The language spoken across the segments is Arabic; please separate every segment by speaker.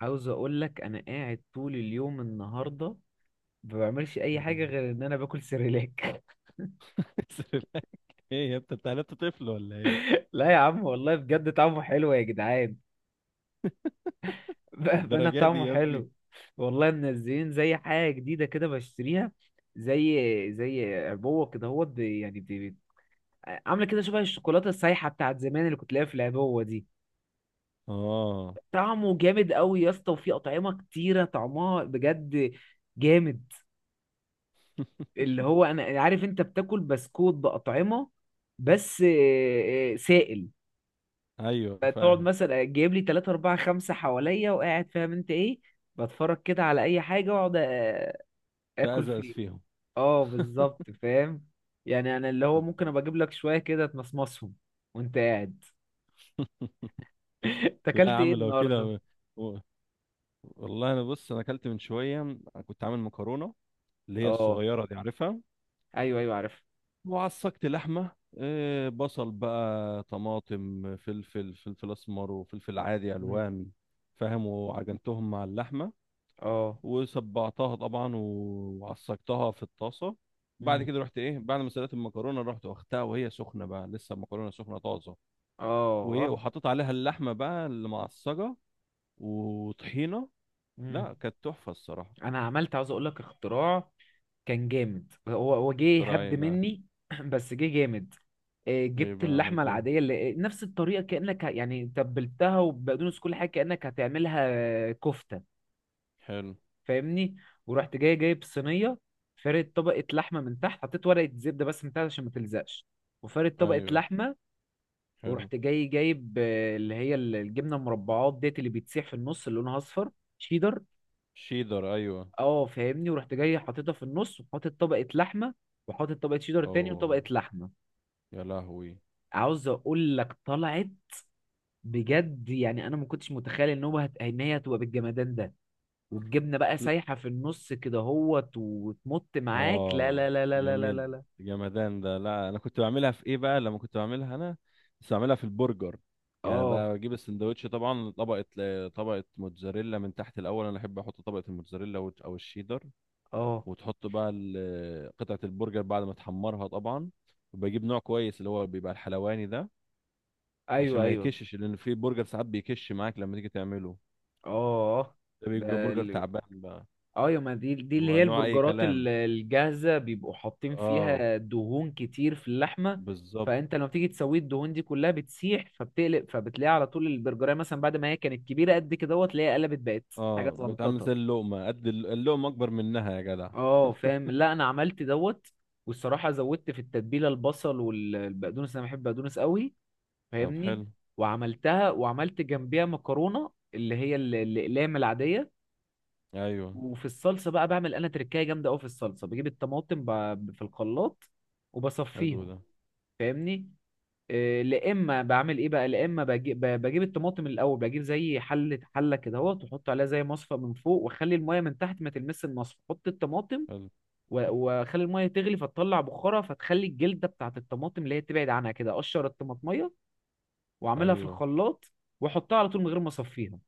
Speaker 1: عاوز اقول لك انا قاعد طول اليوم النهارده، ما بعملش اي حاجه
Speaker 2: تعملها.
Speaker 1: غير ان انا باكل سيريلاك.
Speaker 2: سريلاك؟ ايه يا ابني، انت طفل ولا ايه؟
Speaker 1: لا يا عم، والله بجد طعمه حلو يا جدعان. بقى
Speaker 2: الدرجات دي
Speaker 1: طعمه
Speaker 2: يا ابني.
Speaker 1: حلو. والله منزلين زي حاجه جديده كده بشتريها، زي زي عبوه كده، هو عامله كده شبه الشوكولاته السايحه بتاعت زمان اللي كنت لاقيها في العبوه دي.
Speaker 2: اه.
Speaker 1: طعمه جامد قوي يا اسطى، وفي اطعمه كتيره طعمها بجد جامد. اللي هو انا عارف انت بتاكل بسكوت باطعمه، بس سائل.
Speaker 2: ايوه،
Speaker 1: تقعد
Speaker 2: فاهم.
Speaker 1: مثلا جايب لي 3 4 5 حواليا وقاعد، فاهم انت ايه، بتفرج كده على اي حاجه واقعد اكل
Speaker 2: تأزأز
Speaker 1: فيه.
Speaker 2: فيهم.
Speaker 1: اه بالظبط، فاهم. يعني انا اللي هو ممكن ابقى اجيب لك شويه كده تمصمصهم وانت قاعد. انت
Speaker 2: لا يا
Speaker 1: اكلت ايه
Speaker 2: عم، لو
Speaker 1: النهارده؟
Speaker 2: كده. و- والله، انا بص انا اكلت من شويه. كنت عامل مكرونه، اللي هي
Speaker 1: اه،
Speaker 2: الصغيره دي، عارفها.
Speaker 1: ايوه ايوه عارف.
Speaker 2: وعصقت لحمه. بصل بقى، طماطم، فلفل اسمر، وفلفل عادي
Speaker 1: مم.
Speaker 2: الوان. فاهم. وعجنتهم مع اللحمه،
Speaker 1: اه.
Speaker 2: وصبعتها طبعا، وعصجتها في الطاسه. بعد
Speaker 1: مم.
Speaker 2: كده رحت ايه، بعد ما سلقت المكرونه رحت واخدتها وهي سخنه، بقى لسه المكرونه سخنه طازه.
Speaker 1: اه
Speaker 2: وايه،
Speaker 1: اه.
Speaker 2: وحطيت عليها اللحمه بقى اللي معصجه، وطحينه.
Speaker 1: مم.
Speaker 2: لا، كانت تحفه الصراحه.
Speaker 1: انا عملت، عاوز اقول لك، اختراع كان جامد. هو جه
Speaker 2: ترى
Speaker 1: هبد
Speaker 2: ايه بقى؟
Speaker 1: مني، بس جه جامد.
Speaker 2: ايه
Speaker 1: جبت
Speaker 2: بقى؟
Speaker 1: اللحمه
Speaker 2: عملت ايه؟
Speaker 1: العاديه اللي نفس الطريقه كانك يعني تبلتها وبقدونس كل حاجه كانك هتعملها. كفته.
Speaker 2: حلو.
Speaker 1: فاهمني؟ ورحت جاي جايب صينيه، فارد طبقه لحمه من تحت، حطيت ورقه زبده بس من تحت عشان ما تلزقش، وفارد طبقه
Speaker 2: ايوه،
Speaker 1: لحمه.
Speaker 2: حلو.
Speaker 1: ورحت جاي جايب اللي هي الجبنه المربعات ديت اللي بتسيح في النص اللي لونها اصفر، شيدر.
Speaker 2: شيدر، ايوه.
Speaker 1: اه فاهمني. ورحت جاي حاططها في النص، وحاطط طبقه لحمه، وحاطط طبقه شيدر تاني،
Speaker 2: اوه،
Speaker 1: وطبقه لحمه.
Speaker 2: يا لهوي.
Speaker 1: عاوز اقول لك طلعت، بجد يعني انا ما كنتش متخيل ان ان هي هتبقى بالجمدان ده. والجبنه بقى سايحه في النص كده هوت وتمط معاك، لا
Speaker 2: اه،
Speaker 1: لا لا لا لا لا
Speaker 2: جميل.
Speaker 1: لا لا.
Speaker 2: جمدان ده. لا، انا كنت بعملها في ايه بقى لما كنت بعملها انا. كنت بعملها في البرجر. يعني
Speaker 1: اه.
Speaker 2: بقى بجيب السندوتش طبعا، طبقه موتزاريلا من تحت الاول. انا احب احط طبقه الموتزاريلا، او الشيدر.
Speaker 1: اه،
Speaker 2: وتحط بقى قطعه البرجر بعد ما تحمرها طبعا. وبجيب نوع كويس، اللي هو بيبقى الحلواني ده، عشان
Speaker 1: ايوه
Speaker 2: ما
Speaker 1: ايوه.
Speaker 2: يكشش، لان في برجر ساعات بيكش معاك لما تيجي تعمله.
Speaker 1: اه،
Speaker 2: ده
Speaker 1: ده
Speaker 2: بيبقى برجر تعبان بقى.
Speaker 1: اه. يا ما دي اللي
Speaker 2: هو
Speaker 1: هي
Speaker 2: نوع اي
Speaker 1: البرجرات
Speaker 2: كلام.
Speaker 1: الجاهزة بيبقوا حاطين
Speaker 2: اه،
Speaker 1: فيها دهون كتير في اللحمة.
Speaker 2: بالظبط.
Speaker 1: فانت لما تيجي تسوي الدهون دي كلها بتسيح، فبتقلب فبتلاقي على طول البرجرية مثلا بعد ما هي كانت كبيرة قد كده دوت، تلاقيها قلبت بقت حاجة
Speaker 2: اه، بتعمل زي
Speaker 1: زنططة.
Speaker 2: اللقمة قد اللقمة أكبر منها يا جدع.
Speaker 1: اه فاهم. لا انا عملت دوت، والصراحة زودت في التتبيلة البصل والبقدونس، انا بحب بقدونس قوي،
Speaker 2: طب،
Speaker 1: فاهمني؟
Speaker 2: حلو.
Speaker 1: وعملتها وعملت جنبيها مكرونة اللي هي الاقلام العادية.
Speaker 2: أيوه،
Speaker 1: وفي الصلصه بقى بعمل انا تركايه جامده قوي في الصلصه، بجيب الطماطم في الخلاط
Speaker 2: حلو
Speaker 1: وبصفيها.
Speaker 2: ده.
Speaker 1: فاهمني؟ لا اما بعمل ايه بقى، لا اما بجيب، بجيب الطماطم الاول، بجيب زي حله كده اهو، تحط عليها زي مصفى من فوق، واخلي الميه من تحت ما تلمس المصفى، حط الطماطم.
Speaker 2: حلو.
Speaker 1: واخلي الميه تغلي فتطلع بخارها، فتخلي الجلده بتاعت الطماطم اللي هي تبعد عنها كده، اقشر الطماطميه واعملها في
Speaker 2: أيوه.
Speaker 1: الخلاط، واحطها على طول من غير ما اصفيها.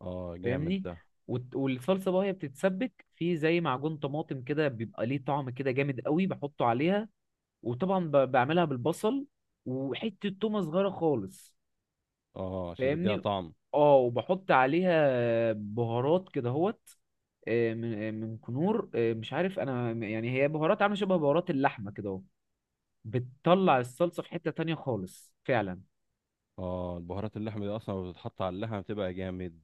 Speaker 2: اه، جامد
Speaker 1: فاهمني؟
Speaker 2: ده.
Speaker 1: والصلصه بقى هي بتتسبك في زي معجون طماطم كده، بيبقى ليه طعم كده جامد قوي بحطه عليها. وطبعا بعملها بالبصل، وحته تومه صغيره خالص.
Speaker 2: اه، عشان تديها
Speaker 1: فاهمني؟
Speaker 2: طعم.
Speaker 1: اه، وبحط عليها بهارات كده هوت، من من كنور، مش عارف انا، يعني هي بهارات عامله شبه بهارات اللحمه كده اهو. بتطلع الصلصه في حته تانية خالص فعلا.
Speaker 2: اه، البهارات اللحمة دي أصلا لما بتتحط على اللحمة بتبقى جامد.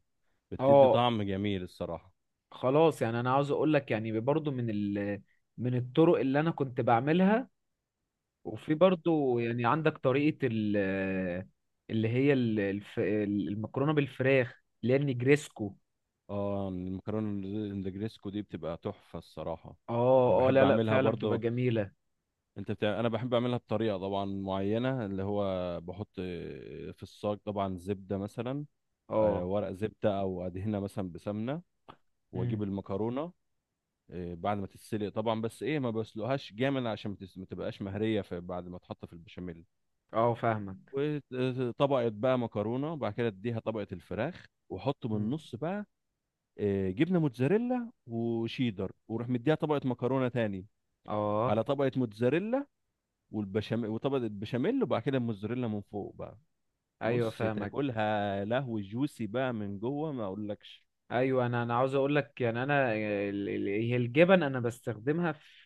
Speaker 2: بتدي
Speaker 1: اه
Speaker 2: طعم جميل الصراحة.
Speaker 1: خلاص، يعني انا عاوز اقول لك، يعني برضو من من الطرق اللي انا كنت بعملها. وفي برضو يعني عندك طريقة اللي هي الف المكرونة بالفراخ اللي هي النجريسكو.
Speaker 2: اه، المكرونة النجريسكو دي بتبقى تحفة الصراحة. أنا
Speaker 1: اه اه،
Speaker 2: بحب
Speaker 1: لا لا،
Speaker 2: أعملها
Speaker 1: فعلا بتبقى
Speaker 2: برضه.
Speaker 1: جميلة.
Speaker 2: أنا بحب أعملها بطريقة طبعا معينة، اللي هو بحط في الصاج طبعا زبدة مثلا.
Speaker 1: اه.
Speaker 2: ورق زبدة، أو أدهنها مثلا بسمنة.
Speaker 1: امم.
Speaker 2: واجيب المكرونه. بعد ما تتسلق طبعا، بس ايه، ما بسلقهاش جامد عشان ما تبقاش مهريه، في بعد ما تحط في البشاميل.
Speaker 1: اه فاهمك.
Speaker 2: وطبقه بقى مكرونه، وبعد كده اديها طبقه الفراخ، واحط من
Speaker 1: امم.
Speaker 2: النص بقى جبنه موتزاريلا وشيدر، واروح مديها طبقه مكرونه تاني،
Speaker 1: اه،
Speaker 2: على طبقه موتزاريلا، والبشاميل، وطبقه البشاميل، وبعد كده الموتزاريلا من فوق بقى.
Speaker 1: ايوه
Speaker 2: بص،
Speaker 1: فاهمك.
Speaker 2: تاكلها لهو جوسي بقى من جوه ما اقولكش.
Speaker 1: ايوه، انا عاوز اقول لك، يعني انا هي الجبن انا بستخدمها في،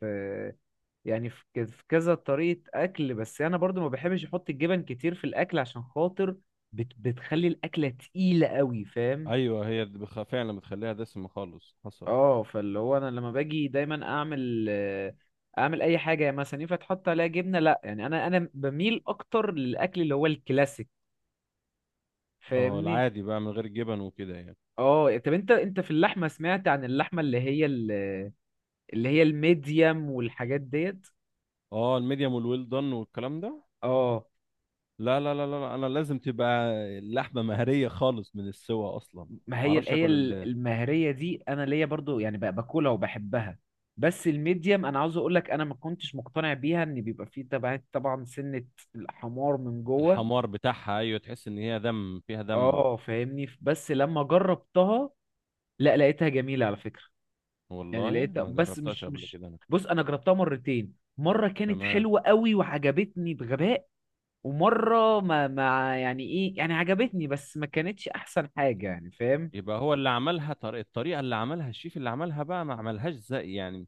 Speaker 1: يعني في في كذا طريقة اكل. بس انا برضو ما بحبش احط الجبن كتير في الاكل عشان خاطر، بتخلي الاكلة تقيلة قوي، فاهم؟
Speaker 2: ايوه، هي فعلا بتخليها دسمه خالص حصل.
Speaker 1: اه، فاللي هو انا لما باجي دايما اعمل اعمل اي حاجه يعني مثلا، ينفع تحط عليها جبنه؟ لا، يعني انا بميل اكتر للاكل اللي هو الكلاسيك،
Speaker 2: اه،
Speaker 1: فاهمني؟
Speaker 2: العادي بقى من غير جبن وكده يعني.
Speaker 1: اه طب انت في اللحمه، سمعت عن اللحمه اللي هي اللي هي الميديم والحاجات ديت؟
Speaker 2: اه، الميديم والويل دان والكلام ده.
Speaker 1: اه.
Speaker 2: لا لا لا لا لا، انا لازم تبقى اللحمه مهريه خالص من السوا اصلا.
Speaker 1: ما
Speaker 2: ما
Speaker 1: هي
Speaker 2: اعرفش
Speaker 1: هي
Speaker 2: اكل
Speaker 1: المهريه دي انا ليا برضو، يعني باكلها وبحبها. بس الميديم، انا عاوز اقول لك انا ما كنتش مقتنع بيها ان بيبقى فيه طبعا طبعا سنه الحمار من جوه.
Speaker 2: الحمار بتاعها، ايوه، تحس ان هي دم فيها دم.
Speaker 1: اه فاهمني. بس لما جربتها، لا لقيتها جميلة على فكرة. يعني
Speaker 2: والله
Speaker 1: لقيتها،
Speaker 2: ما
Speaker 1: بس
Speaker 2: جربتهاش
Speaker 1: مش
Speaker 2: قبل
Speaker 1: مش
Speaker 2: كده انا.
Speaker 1: بص انا جربتها مرتين، مرة كانت
Speaker 2: تمام.
Speaker 1: حلوة قوي وعجبتني بغباء، ومرة ما يعني ايه يعني، عجبتني بس ما كانتش احسن حاجة يعني، فاهم؟
Speaker 2: يبقى هو اللي عملها الطريقه اللي عملها الشيف اللي عملها بقى، ما عملهاش زي يعني،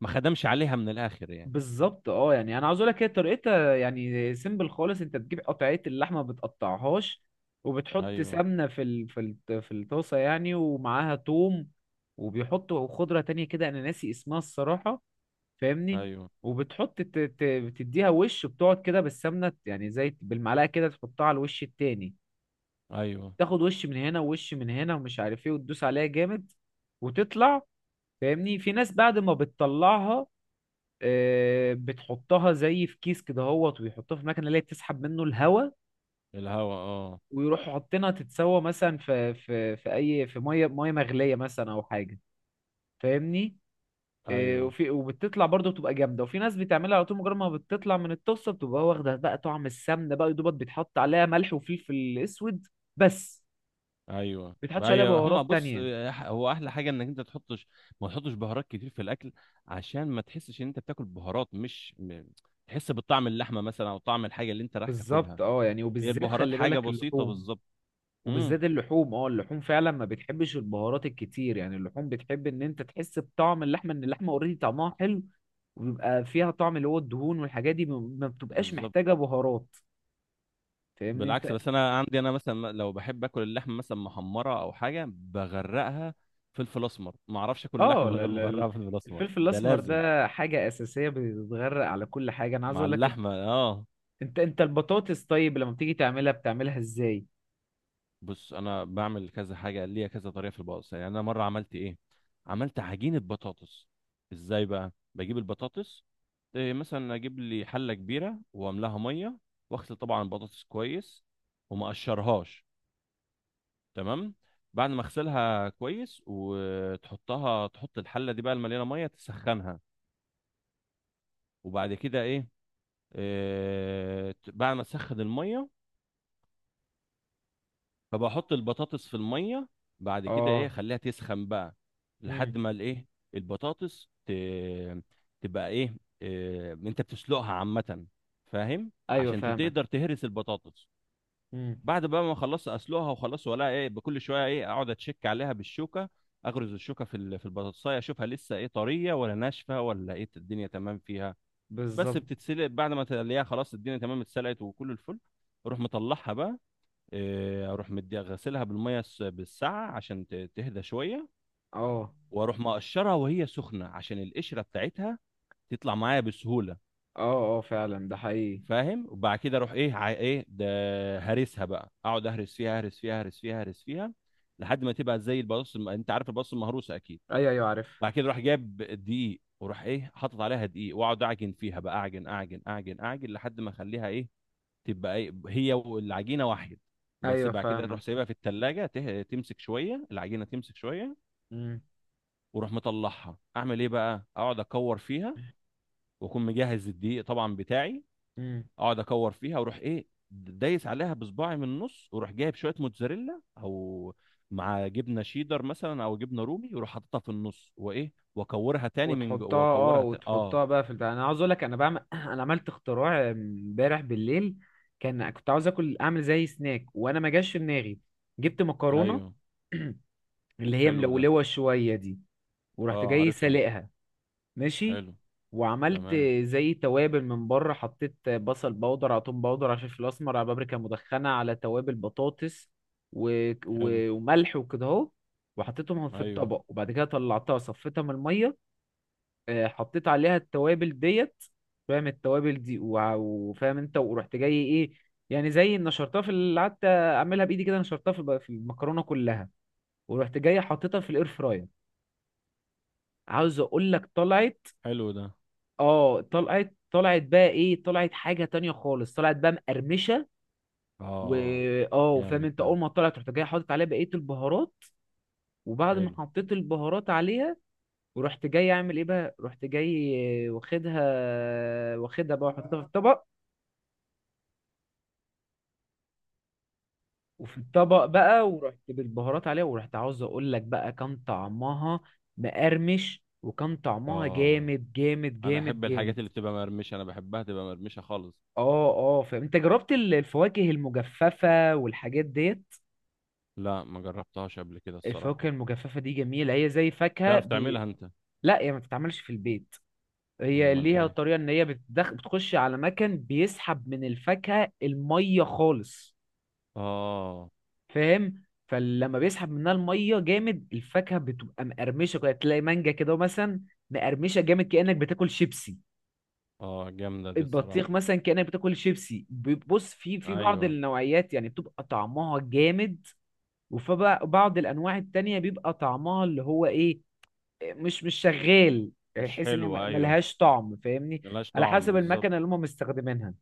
Speaker 2: ما خدمش عليها من الاخر يعني.
Speaker 1: بالظبط. اه، يعني انا عاوز اقول لك، هي طريقتها يعني سيمبل خالص. انت بتجيب قطعية اللحمة، ما بتقطعهاش، وبتحط
Speaker 2: ايوه،
Speaker 1: سمنة في الطاسة، يعني ومعاها توم، وبيحطوا خضرة تانية كده انا ناسي اسمها الصراحة، فاهمني؟
Speaker 2: ايوه،
Speaker 1: وبتحط بتديها وش، بتقعد كده بالسمنه يعني زي بالمعلقه كده، تحطها على الوش التاني،
Speaker 2: ايوه.
Speaker 1: تاخد وش من هنا ووش من هنا ومش عارف ايه، وتدوس عليها جامد وتطلع. فاهمني؟ في ناس بعد ما بتطلعها بتحطها زي في كيس كده هوت، ويحطها في مكنه اللي هي بتسحب منه الهواء،
Speaker 2: الهوا، اه.
Speaker 1: ويروحوا حاطينها تتسوى مثلا في ميه مغليه مثلا او حاجه. فاهمني؟
Speaker 2: ايوه،
Speaker 1: وفي وبتطلع برضه بتبقى جامده. وفي ناس بتعملها على طول، مجرد ما بتطلع من الطاسه بتبقى واخده بقى طعم السمنه، بقى يا دوبك بيتحط عليها ملح وفلفل اسود بس،
Speaker 2: ايوه،
Speaker 1: ما بيتحطش عليها
Speaker 2: ايوه. هما
Speaker 1: بهارات
Speaker 2: بص،
Speaker 1: تانية.
Speaker 2: هو احلى حاجه انك انت ما تحطش بهارات كتير في الاكل، عشان ما تحسش ان انت بتاكل بهارات مش تحس بطعم اللحمه مثلا او طعم الحاجه اللي انت رايح
Speaker 1: بالظبط.
Speaker 2: تاكلها.
Speaker 1: اه يعني،
Speaker 2: هي
Speaker 1: وبالذات
Speaker 2: البهارات
Speaker 1: خلي
Speaker 2: حاجه
Speaker 1: بالك
Speaker 2: بسيطه
Speaker 1: اللحوم،
Speaker 2: بالظبط. امم.
Speaker 1: وبالذات اللحوم، اه اللحوم فعلا ما بتحبش البهارات الكتير. يعني اللحوم بتحب ان انت تحس بطعم اللحمه، ان اللحمه اوريدي طعمها حلو، وبيبقى فيها طعم اللي هو الدهون والحاجات دي، ما بتبقاش
Speaker 2: بالظبط.
Speaker 1: محتاجه بهارات. فاهمني
Speaker 2: بالعكس،
Speaker 1: انت؟
Speaker 2: بس انا عندي، انا مثلا لو بحب اكل اللحمه مثلا محمره او حاجه بغرقها فلفل اسمر، ما اعرفش اكل
Speaker 1: اه
Speaker 2: اللحمه من
Speaker 1: لا-
Speaker 2: غير ما
Speaker 1: لا- لا.
Speaker 2: اغرقها فلفل اسمر،
Speaker 1: الفلفل
Speaker 2: ده
Speaker 1: الاسمر
Speaker 2: لازم.
Speaker 1: ده حاجه اساسيه بتتغرق على كل حاجه. انا عايز
Speaker 2: مع
Speaker 1: اقول لك،
Speaker 2: اللحمه، اه.
Speaker 1: انت البطاطس طيب، لما بتيجي تعملها بتعملها ازاي؟
Speaker 2: بص، انا بعمل كذا حاجه، ليا كذا طريقه في البطاطس يعني. انا مره عملت ايه، عملت عجينه بطاطس. ازاي بقى؟ بجيب البطاطس. إيه، مثلا اجيب لي حله كبيره واملاها ميه، واغسل طبعا البطاطس كويس، وما اقشرهاش. تمام. بعد ما اغسلها كويس، تحط الحله دي بقى المليانه ميه، تسخنها. وبعد كده ايه، إيه، بعد ما تسخن الميه فبحط البطاطس في الميه. بعد كده ايه،
Speaker 1: اه.
Speaker 2: اخليها تسخن بقى، لحد
Speaker 1: امم.
Speaker 2: ما الايه، البطاطس تبقى ايه. انت بتسلقها عامه، فاهم،
Speaker 1: ايوه
Speaker 2: عشان
Speaker 1: فاهمك.
Speaker 2: تقدر تهرس البطاطس.
Speaker 1: امم.
Speaker 2: بعد بقى ما خلصت اسلقها وخلاص، ولا ايه؟ بكل شويه ايه، اقعد اتشك عليها بالشوكه، اغرز الشوكه في البطاطسايه، اشوفها لسه ايه، طريه ولا ناشفه ولا ايه، الدنيا تمام فيها. بس
Speaker 1: بالظبط.
Speaker 2: بتتسلق. بعد ما تلاقيها خلاص الدنيا تمام اتسلقت وكل الفل، اروح مطلعها بقى. إيه، اروح مديها غسلها بالميه بالساعه، عشان تهدى شويه.
Speaker 1: اه.
Speaker 2: واروح مقشرها وهي سخنه، عشان القشره بتاعتها تطلع معايا بسهوله.
Speaker 1: اه. اه فعلا ده حقيقي.
Speaker 2: فاهم. وبعد كده اروح ايه، ايه ده، هرسها بقى، اقعد اهرس فيها، اهرس فيها، اهرس فيها، اهرس فيها لحد ما تبقى زي البطاطس، انت عارف البطاطس المهروسه اكيد.
Speaker 1: ايوه ايوه عارف.
Speaker 2: بعد كده اروح جايب دقيق، واروح ايه، حاطط عليها دقيق، واقعد اعجن فيها بقى، اعجن، اعجن، اعجن، اعجن لحد ما اخليها ايه، تبقى هي والعجينه واحد. بس
Speaker 1: ايوه
Speaker 2: بعد كده تروح
Speaker 1: فاهمك.
Speaker 2: سايبها في التلاجة، تمسك شوية العجينة، تمسك شوية،
Speaker 1: امم.
Speaker 2: وروح مطلعها، أعمل إيه بقى، أقعد أكور فيها، وأكون مجهز الدقيق طبعا بتاعي.
Speaker 1: امم.
Speaker 2: أقعد أكور فيها، وأروح إيه، دايس عليها بصباعي من النص، وأروح جايب شوية موتزاريلا، أو مع جبنة شيدر مثلا، أو جبنة رومي، وأروح حاططها في النص، وإيه، وأكورها تاني من جو،
Speaker 1: وتحطها، اه
Speaker 2: وأكورها آه.
Speaker 1: وتحطها بقى في البتاع. انا عاوز اقول لك انا بعمل، انا عملت اختراع امبارح بالليل. كان كنت عاوز اكل، اعمل زي سناك، وانا ما جاش في دماغي. جبت مكرونه،
Speaker 2: أيوه،
Speaker 1: اللي هي
Speaker 2: حلو ده.
Speaker 1: ملولوة شوية دي، ورحت
Speaker 2: آه،
Speaker 1: جاي
Speaker 2: عارفها.
Speaker 1: سلقها، ماشي،
Speaker 2: حلو.
Speaker 1: وعملت
Speaker 2: تمام.
Speaker 1: زي توابل من بره، حطيت بصل بودر على توم بودر على فلفل اسمر على بابريكا مدخنة على توابل بطاطس
Speaker 2: حلو.
Speaker 1: وملح وكده اهو، وحطيتهم في
Speaker 2: أيوه،
Speaker 1: الطبق. وبعد كده طلعتها صفيتها من المية، حطيت عليها التوابل ديت. فاهم التوابل دي؟ وفاهم انت، ورحت جاي ايه، يعني زي نشرتها في اللي قعدت اعملها بايدي كده، نشرتها في في المكرونة كلها، ورحت جاي حطيتها في الاير فراير. عاوز اقول لك طلعت،
Speaker 2: حلو ده.
Speaker 1: اه طلعت، طلعت بقى ايه، طلعت حاجه تانية خالص، طلعت بقى مقرمشه. و
Speaker 2: اه،
Speaker 1: اه، فاهم
Speaker 2: جامد
Speaker 1: انت،
Speaker 2: ده.
Speaker 1: اول ما طلعت رحت جاي حاطط عليها بقيه البهارات، وبعد ما
Speaker 2: حلو.
Speaker 1: حطيت البهارات عليها ورحت جاي اعمل ايه بقى، رحت جاي واخدها، واخدها بقى وحطها في الطبق، وفي الطبق بقى ورحت بالبهارات عليها، ورحت عاوز اقول لك بقى كان طعمها مقرمش، وكان طعمها
Speaker 2: اه،
Speaker 1: جامد جامد
Speaker 2: انا
Speaker 1: جامد
Speaker 2: احب الحاجات
Speaker 1: جامد.
Speaker 2: اللي بتبقى مرمشه، انا بحبها تبقى مرمشه خالص.
Speaker 1: اه اه، فاهم انت، جربت الفواكه المجففة والحاجات ديت؟
Speaker 2: لا، ما جربتهاش قبل كده الصراحه.
Speaker 1: الفواكه المجففة دي جميلة، هي زي فاكهة
Speaker 2: تعرف تعملها انت؟
Speaker 1: لا هي ما بتتعملش في البيت. هي
Speaker 2: امال
Speaker 1: ليها
Speaker 2: ايه؟
Speaker 1: طريقة ان هي بتخش على مكان بيسحب من الفاكهة المية خالص.
Speaker 2: اه،
Speaker 1: فاهم؟ فلما بيسحب منها المية جامد، الفاكهة بتبقى مقرمشة كده، تلاقي مانجا كده مثلا مقرمشة جامد كأنك بتاكل شيبسي،
Speaker 2: اه، جامده دي
Speaker 1: البطيخ
Speaker 2: الصراحه.
Speaker 1: مثلا كأنك بتاكل شيبسي. بص، في بعض
Speaker 2: ايوه،
Speaker 1: النوعيات يعني بتبقى طعمها جامد، وبعض الانواع التانية بيبقى طعمها اللي هو ايه، مش شغال، يعني
Speaker 2: مش
Speaker 1: تحس ان هي
Speaker 2: حلوه، ايوه،
Speaker 1: ملهاش طعم، فاهمني؟
Speaker 2: ملهاش
Speaker 1: على
Speaker 2: طعم
Speaker 1: حسب
Speaker 2: بالظبط.
Speaker 1: المكنه اللي هم مستخدمينها.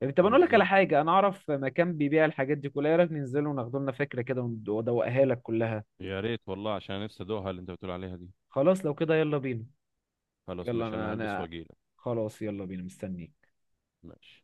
Speaker 1: يعني طب انا اقول لك على
Speaker 2: بالظبط.
Speaker 1: حاجه، انا اعرف مكان بيبيع الحاجات دي كلها، ايه رايك ننزل وناخد لنا فكره كده وادوقها لك كلها؟
Speaker 2: يا ريت والله، عشان أنا نفسي ادوقها اللي انت بتقول عليها دي.
Speaker 1: خلاص لو كده يلا بينا.
Speaker 2: خلاص،
Speaker 1: يلا،
Speaker 2: ماشي، انا
Speaker 1: انا
Speaker 2: هلبس
Speaker 1: انا
Speaker 2: واجيلك.
Speaker 1: خلاص يلا بينا، مستنيك.
Speaker 2: ماشي.